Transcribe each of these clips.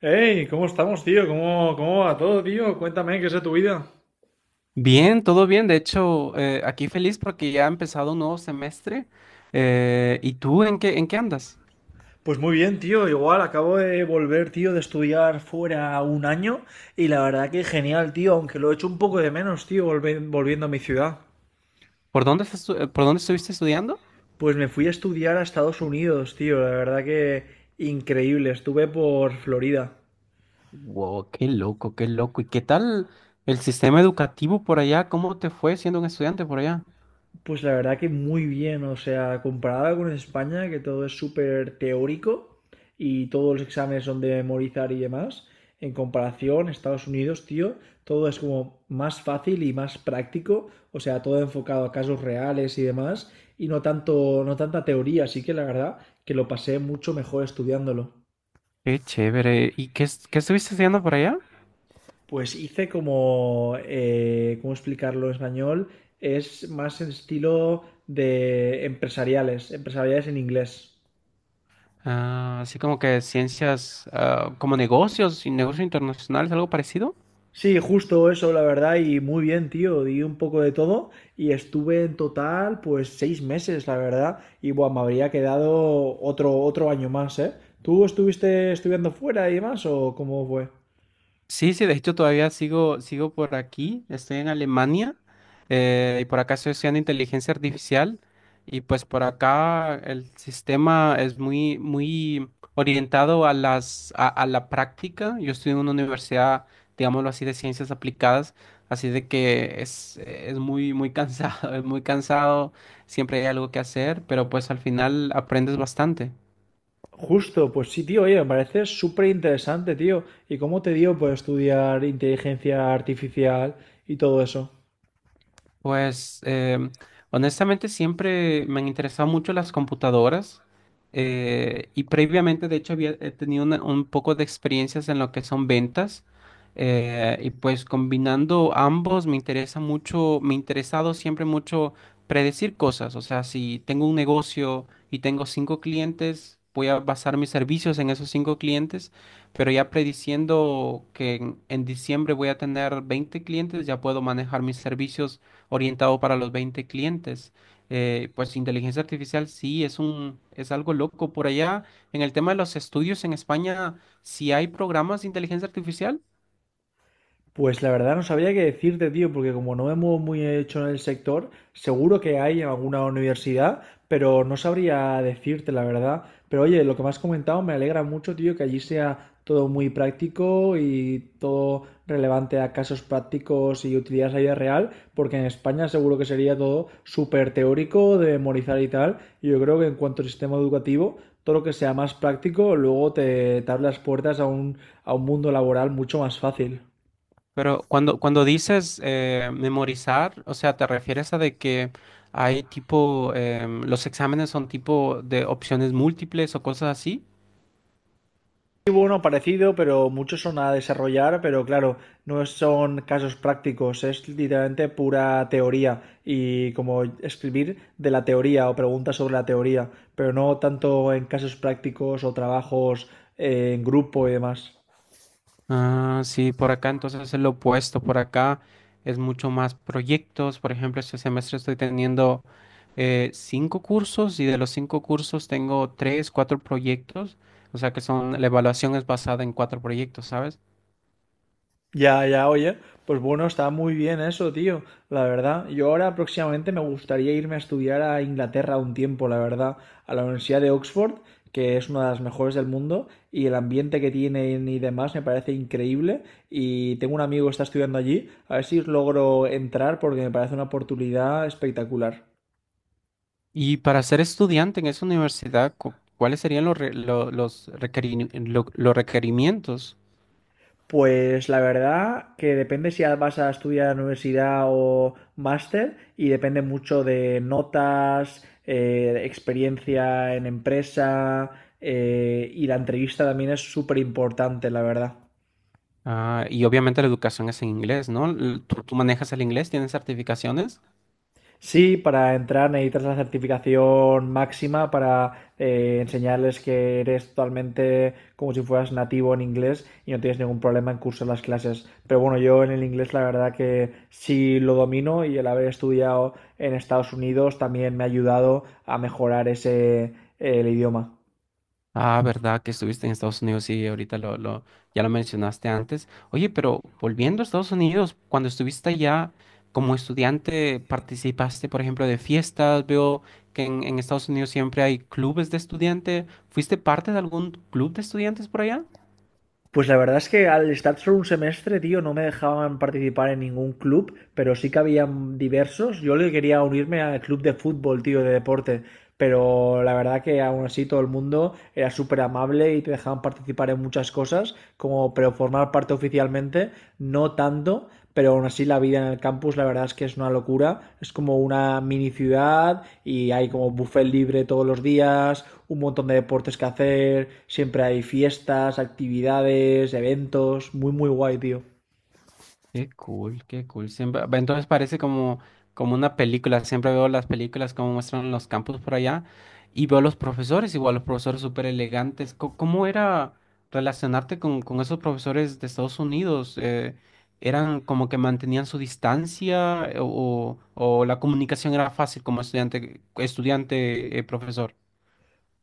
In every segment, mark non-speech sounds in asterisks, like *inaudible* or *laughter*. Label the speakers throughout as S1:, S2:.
S1: Hey, ¿cómo estamos, tío? ¿Cómo va todo, tío? Cuéntame, ¿qué es de tu vida?
S2: Bien, todo bien. De hecho, aquí feliz porque ya ha empezado un nuevo semestre. ¿Y tú en qué andas?
S1: Pues muy bien, tío. Igual acabo de volver, tío, de estudiar fuera un año y la verdad que genial, tío, aunque lo he hecho un poco de menos, tío, volviendo a mi ciudad.
S2: ¿Por dónde estuviste estudiando?
S1: Pues me fui a estudiar a Estados Unidos, tío. La verdad que increíble. Estuve por Florida.
S2: Wow, qué loco, qué loco. ¿Y qué tal el sistema educativo por allá? ¿Cómo te fue siendo un estudiante por allá?
S1: Pues la verdad que muy bien, o sea, comparado con España, que todo es súper teórico y todos los exámenes son de memorizar y demás, en comparación, Estados Unidos, tío, todo es como más fácil y más práctico, o sea, todo enfocado a casos reales y demás, y no tanto, no tanta teoría, así que la verdad que lo pasé mucho mejor estudiándolo.
S2: Qué chévere. ¿Qué estuviste estudiando por allá?
S1: Pues hice como, ¿cómo explicarlo en español? Es más en estilo de empresariales, empresariales en inglés.
S2: Ah, así como que como negocios y negocios internacionales, algo parecido.
S1: Sí, justo eso, la verdad, y muy bien, tío. Di un poco de todo y estuve en total, pues, 6 meses, la verdad. Y bueno, me habría quedado otro, otro año más, ¿eh? ¿Tú estuviste estudiando fuera y demás o cómo fue?
S2: Sí, sí, de hecho todavía sigo por aquí, estoy en Alemania, y por acá estoy estudiando inteligencia artificial, y pues por acá el sistema es muy, muy orientado a a la práctica. Yo estoy en una universidad, digámoslo así, de ciencias aplicadas, así de que es muy, muy cansado, *laughs* es muy cansado, siempre hay algo que hacer, pero pues al final aprendes bastante.
S1: Justo, pues sí, tío, oye, me parece súper interesante, tío. ¿Y cómo te dio, pues, estudiar inteligencia artificial y todo eso?
S2: Pues honestamente siempre me han interesado mucho las computadoras, y previamente de hecho había he tenido un poco de experiencias en lo que son ventas, y pues combinando ambos me interesa mucho, me ha interesado siempre mucho predecir cosas, o sea, si tengo un negocio y tengo 5 clientes, voy a basar mis servicios en esos 5 clientes, pero ya prediciendo que en diciembre voy a tener 20 clientes, ya puedo manejar mis servicios orientado para los 20 clientes. Pues inteligencia artificial sí es es algo loco. Por allá, en el tema de los estudios en España, sí hay programas de inteligencia artificial,
S1: Pues la verdad no sabría qué decirte, tío, porque como no me muevo muy hecho en el sector, seguro que hay en alguna universidad, pero no sabría decirte la verdad. Pero oye, lo que me has comentado me alegra mucho, tío, que allí sea todo muy práctico y todo relevante a casos prácticos y utilidades a la vida real, porque en España seguro que sería todo súper teórico, de memorizar y tal. Y yo creo que en cuanto al sistema educativo, todo lo que sea más práctico, luego te abre las puertas a un mundo laboral mucho más fácil.
S2: pero cuando dices memorizar, o sea, te refieres a de que hay los exámenes son tipo de opciones múltiples o cosas así.
S1: Hubo uno parecido, pero muchos son a desarrollar, pero claro, no son casos prácticos, es literalmente pura teoría y como escribir de la teoría o preguntas sobre la teoría, pero no tanto en casos prácticos o trabajos en grupo y demás.
S2: Ah, sí, por acá entonces es lo opuesto. Por acá es mucho más proyectos. Por ejemplo, este semestre estoy teniendo 5 cursos y de los 5 cursos tengo 4 proyectos, o sea que la evaluación es basada en 4 proyectos, ¿sabes?
S1: Ya, ya, oye, pues bueno, está muy bien eso, tío, la verdad. Yo ahora próximamente me gustaría irme a estudiar a Inglaterra un tiempo, la verdad, a la Universidad de Oxford, que es una de las mejores del mundo, y el ambiente que tienen y demás me parece increíble. Y tengo un amigo que está estudiando allí, a ver si logro entrar porque me parece una oportunidad espectacular.
S2: Y para ser estudiante en esa universidad, ¿cuáles serían los, re- lo- los, requerini- lo- los requerimientos?
S1: Pues la verdad que depende si vas a estudiar en universidad o máster y depende mucho de notas, experiencia en empresa y la entrevista también es súper importante, la verdad.
S2: Ah, y obviamente la educación es en inglés, ¿no? ¿Tú manejas el inglés? ¿Tienes certificaciones?
S1: Sí, para entrar necesitas la certificación máxima para enseñarles que eres totalmente como si fueras nativo en inglés y no tienes ningún problema en cursar las clases. Pero bueno, yo en el inglés la verdad que sí lo domino y el haber estudiado en Estados Unidos también me ha ayudado a mejorar ese, el idioma.
S2: Ah, verdad que estuviste en Estados Unidos, sí, ahorita ya lo mencionaste antes. Oye, pero volviendo a Estados Unidos, cuando estuviste allá como estudiante, participaste, por ejemplo, de fiestas, veo que en Estados Unidos siempre hay clubes de estudiantes. ¿Fuiste parte de algún club de estudiantes por allá?
S1: Pues la verdad es que al estar solo un semestre, tío, no me dejaban participar en ningún club, pero sí que habían diversos. Yo le quería unirme al club de fútbol, tío, de deporte, pero la verdad que aún así todo el mundo era súper amable y te dejaban participar en muchas cosas, como pero formar parte oficialmente, no tanto, pero aún así la vida en el campus la verdad es que es una locura. Es como una mini ciudad y hay como
S2: Mm.
S1: buffet libre todos los días, un montón de deportes que hacer, siempre hay fiestas, actividades, eventos, muy muy guay, tío.
S2: Qué cool, qué cool. Siempre, ve, entonces parece como, como una película. Siempre veo las películas como muestran los campus por allá y veo los profesores, igual los profesores súper elegantes. ¿Cómo era relacionarte con esos profesores de Estados Unidos? ¿Eran como que mantenían su distancia o la comunicación era fácil como estudiante, estudiante, profesor?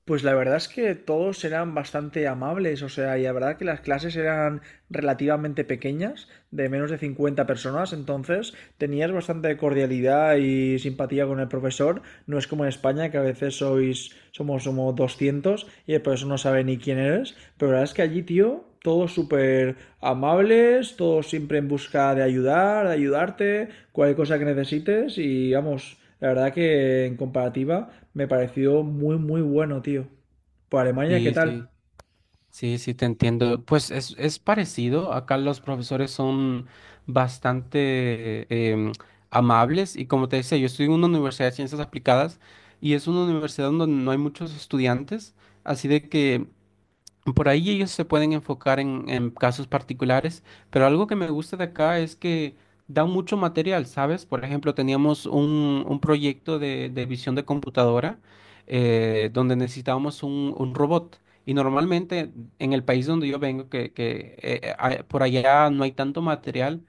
S1: Pues la verdad es que todos eran bastante amables, o sea, y la verdad que las clases eran relativamente pequeñas, de menos de 50 personas, entonces tenías bastante cordialidad y simpatía con el profesor. No es como en España, que a veces sois, somos, somos 200 y por eso no sabe ni quién eres. Pero la verdad es que allí, tío, todos súper amables, todos siempre en busca de ayudar, de ayudarte, cualquier cosa que necesites. Y vamos, la verdad que en comparativa me pareció muy, muy bueno, tío. Por Alemania, ¿qué
S2: Sí,
S1: tal?
S2: sí. Sí, sí, te entiendo. Pues es parecido. Acá los profesores son bastante amables y como te decía, yo estoy en una universidad de ciencias aplicadas y es una universidad donde no hay muchos estudiantes, así de que por ahí ellos se pueden enfocar en casos particulares, pero algo que me gusta de acá es que dan mucho material, ¿sabes? Por ejemplo, teníamos un proyecto de visión de computadora, donde necesitábamos un robot. Y normalmente en el país donde yo vengo, por allá no hay tanto material,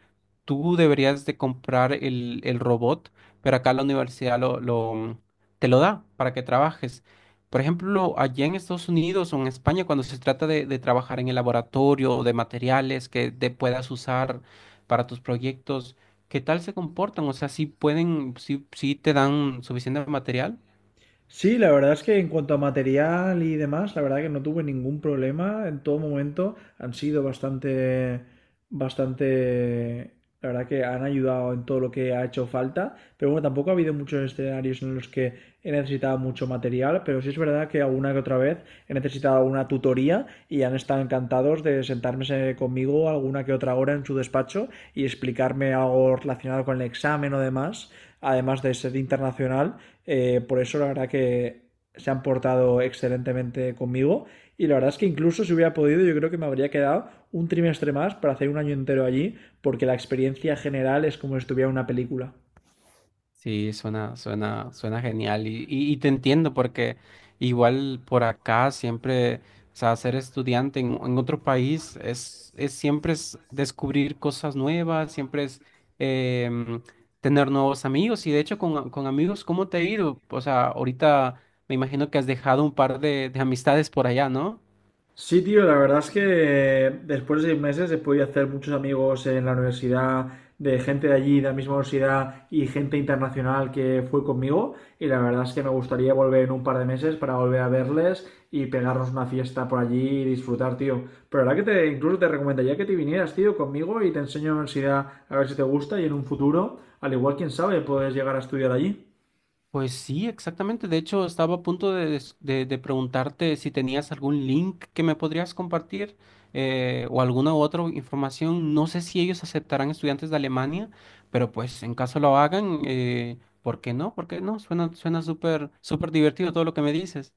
S2: tú deberías de comprar el robot, pero acá la universidad te lo da para que trabajes. Por ejemplo, allá en Estados Unidos o en España, cuando se trata de trabajar en el laboratorio o de materiales que te puedas usar para tus proyectos, ¿qué tal se comportan? O sea, si te dan suficiente material.
S1: Sí, la verdad es que en cuanto a material y demás, la verdad que no tuve ningún problema en todo momento. Han sido bastante, bastante, la verdad que han ayudado en todo lo que ha hecho falta. Pero bueno, tampoco ha habido muchos escenarios en los que he necesitado mucho material, pero sí es verdad que alguna que otra vez he necesitado una tutoría y han estado encantados de sentarme conmigo alguna que otra hora en su despacho y explicarme algo relacionado con el examen o demás, además de ser internacional, por eso la verdad que se han portado excelentemente conmigo y la verdad es que incluso si hubiera podido yo creo que me habría quedado un trimestre más para hacer un año entero allí porque la experiencia general es como si estuviera en una película.
S2: Sí, suena genial y te entiendo porque igual por acá o sea, ser estudiante en otro país es siempre es descubrir cosas nuevas, siempre es em, tener nuevos amigos y de hecho con amigos, ¿cómo te ha ido? O sea, ahorita me imagino que has dejado un par de amistades por allá, ¿no?
S1: Sí, tío, la verdad es que después de 6 meses he podido hacer muchos amigos en la universidad, de gente de allí, de la misma universidad y gente internacional que fue conmigo. Y la verdad es que me gustaría volver en un par de meses para volver a verles y pegarnos una fiesta por allí y disfrutar, tío. Pero la verdad que te, incluso te recomendaría que te vinieras, tío, conmigo y te enseño la universidad a ver si te gusta y en un futuro, al igual, quién sabe, puedes llegar a estudiar allí.
S2: Pues sí, exactamente. De hecho, estaba a punto de preguntarte si tenías algún link que me podrías compartir, o alguna otra información. No sé si ellos aceptarán estudiantes de Alemania, pero pues en caso lo hagan, ¿por qué no? ¿Por qué no? Suena, suena súper, súper divertido todo lo que me dices.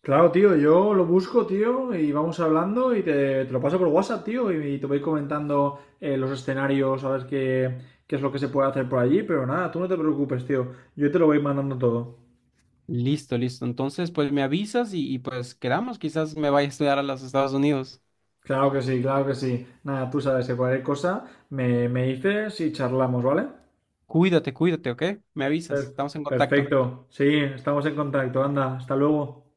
S1: Claro, tío, yo lo busco, tío, y vamos hablando y te lo paso por WhatsApp, tío, y te voy comentando los escenarios, a ver qué, qué es lo que se puede hacer por allí, pero nada, tú no te preocupes, tío, yo te lo voy mandando todo.
S2: Listo, listo. Entonces, pues me avisas y pues quedamos. Quizás me vaya a estudiar a los Estados Unidos.
S1: Claro que sí, claro que sí. Nada, tú sabes que cualquier cosa me dices y charlamos, ¿vale?
S2: Cuídate, cuídate, ¿ok? Me avisas.
S1: Per-
S2: Estamos en contacto.
S1: Perfecto, sí, estamos en contacto, anda, hasta luego.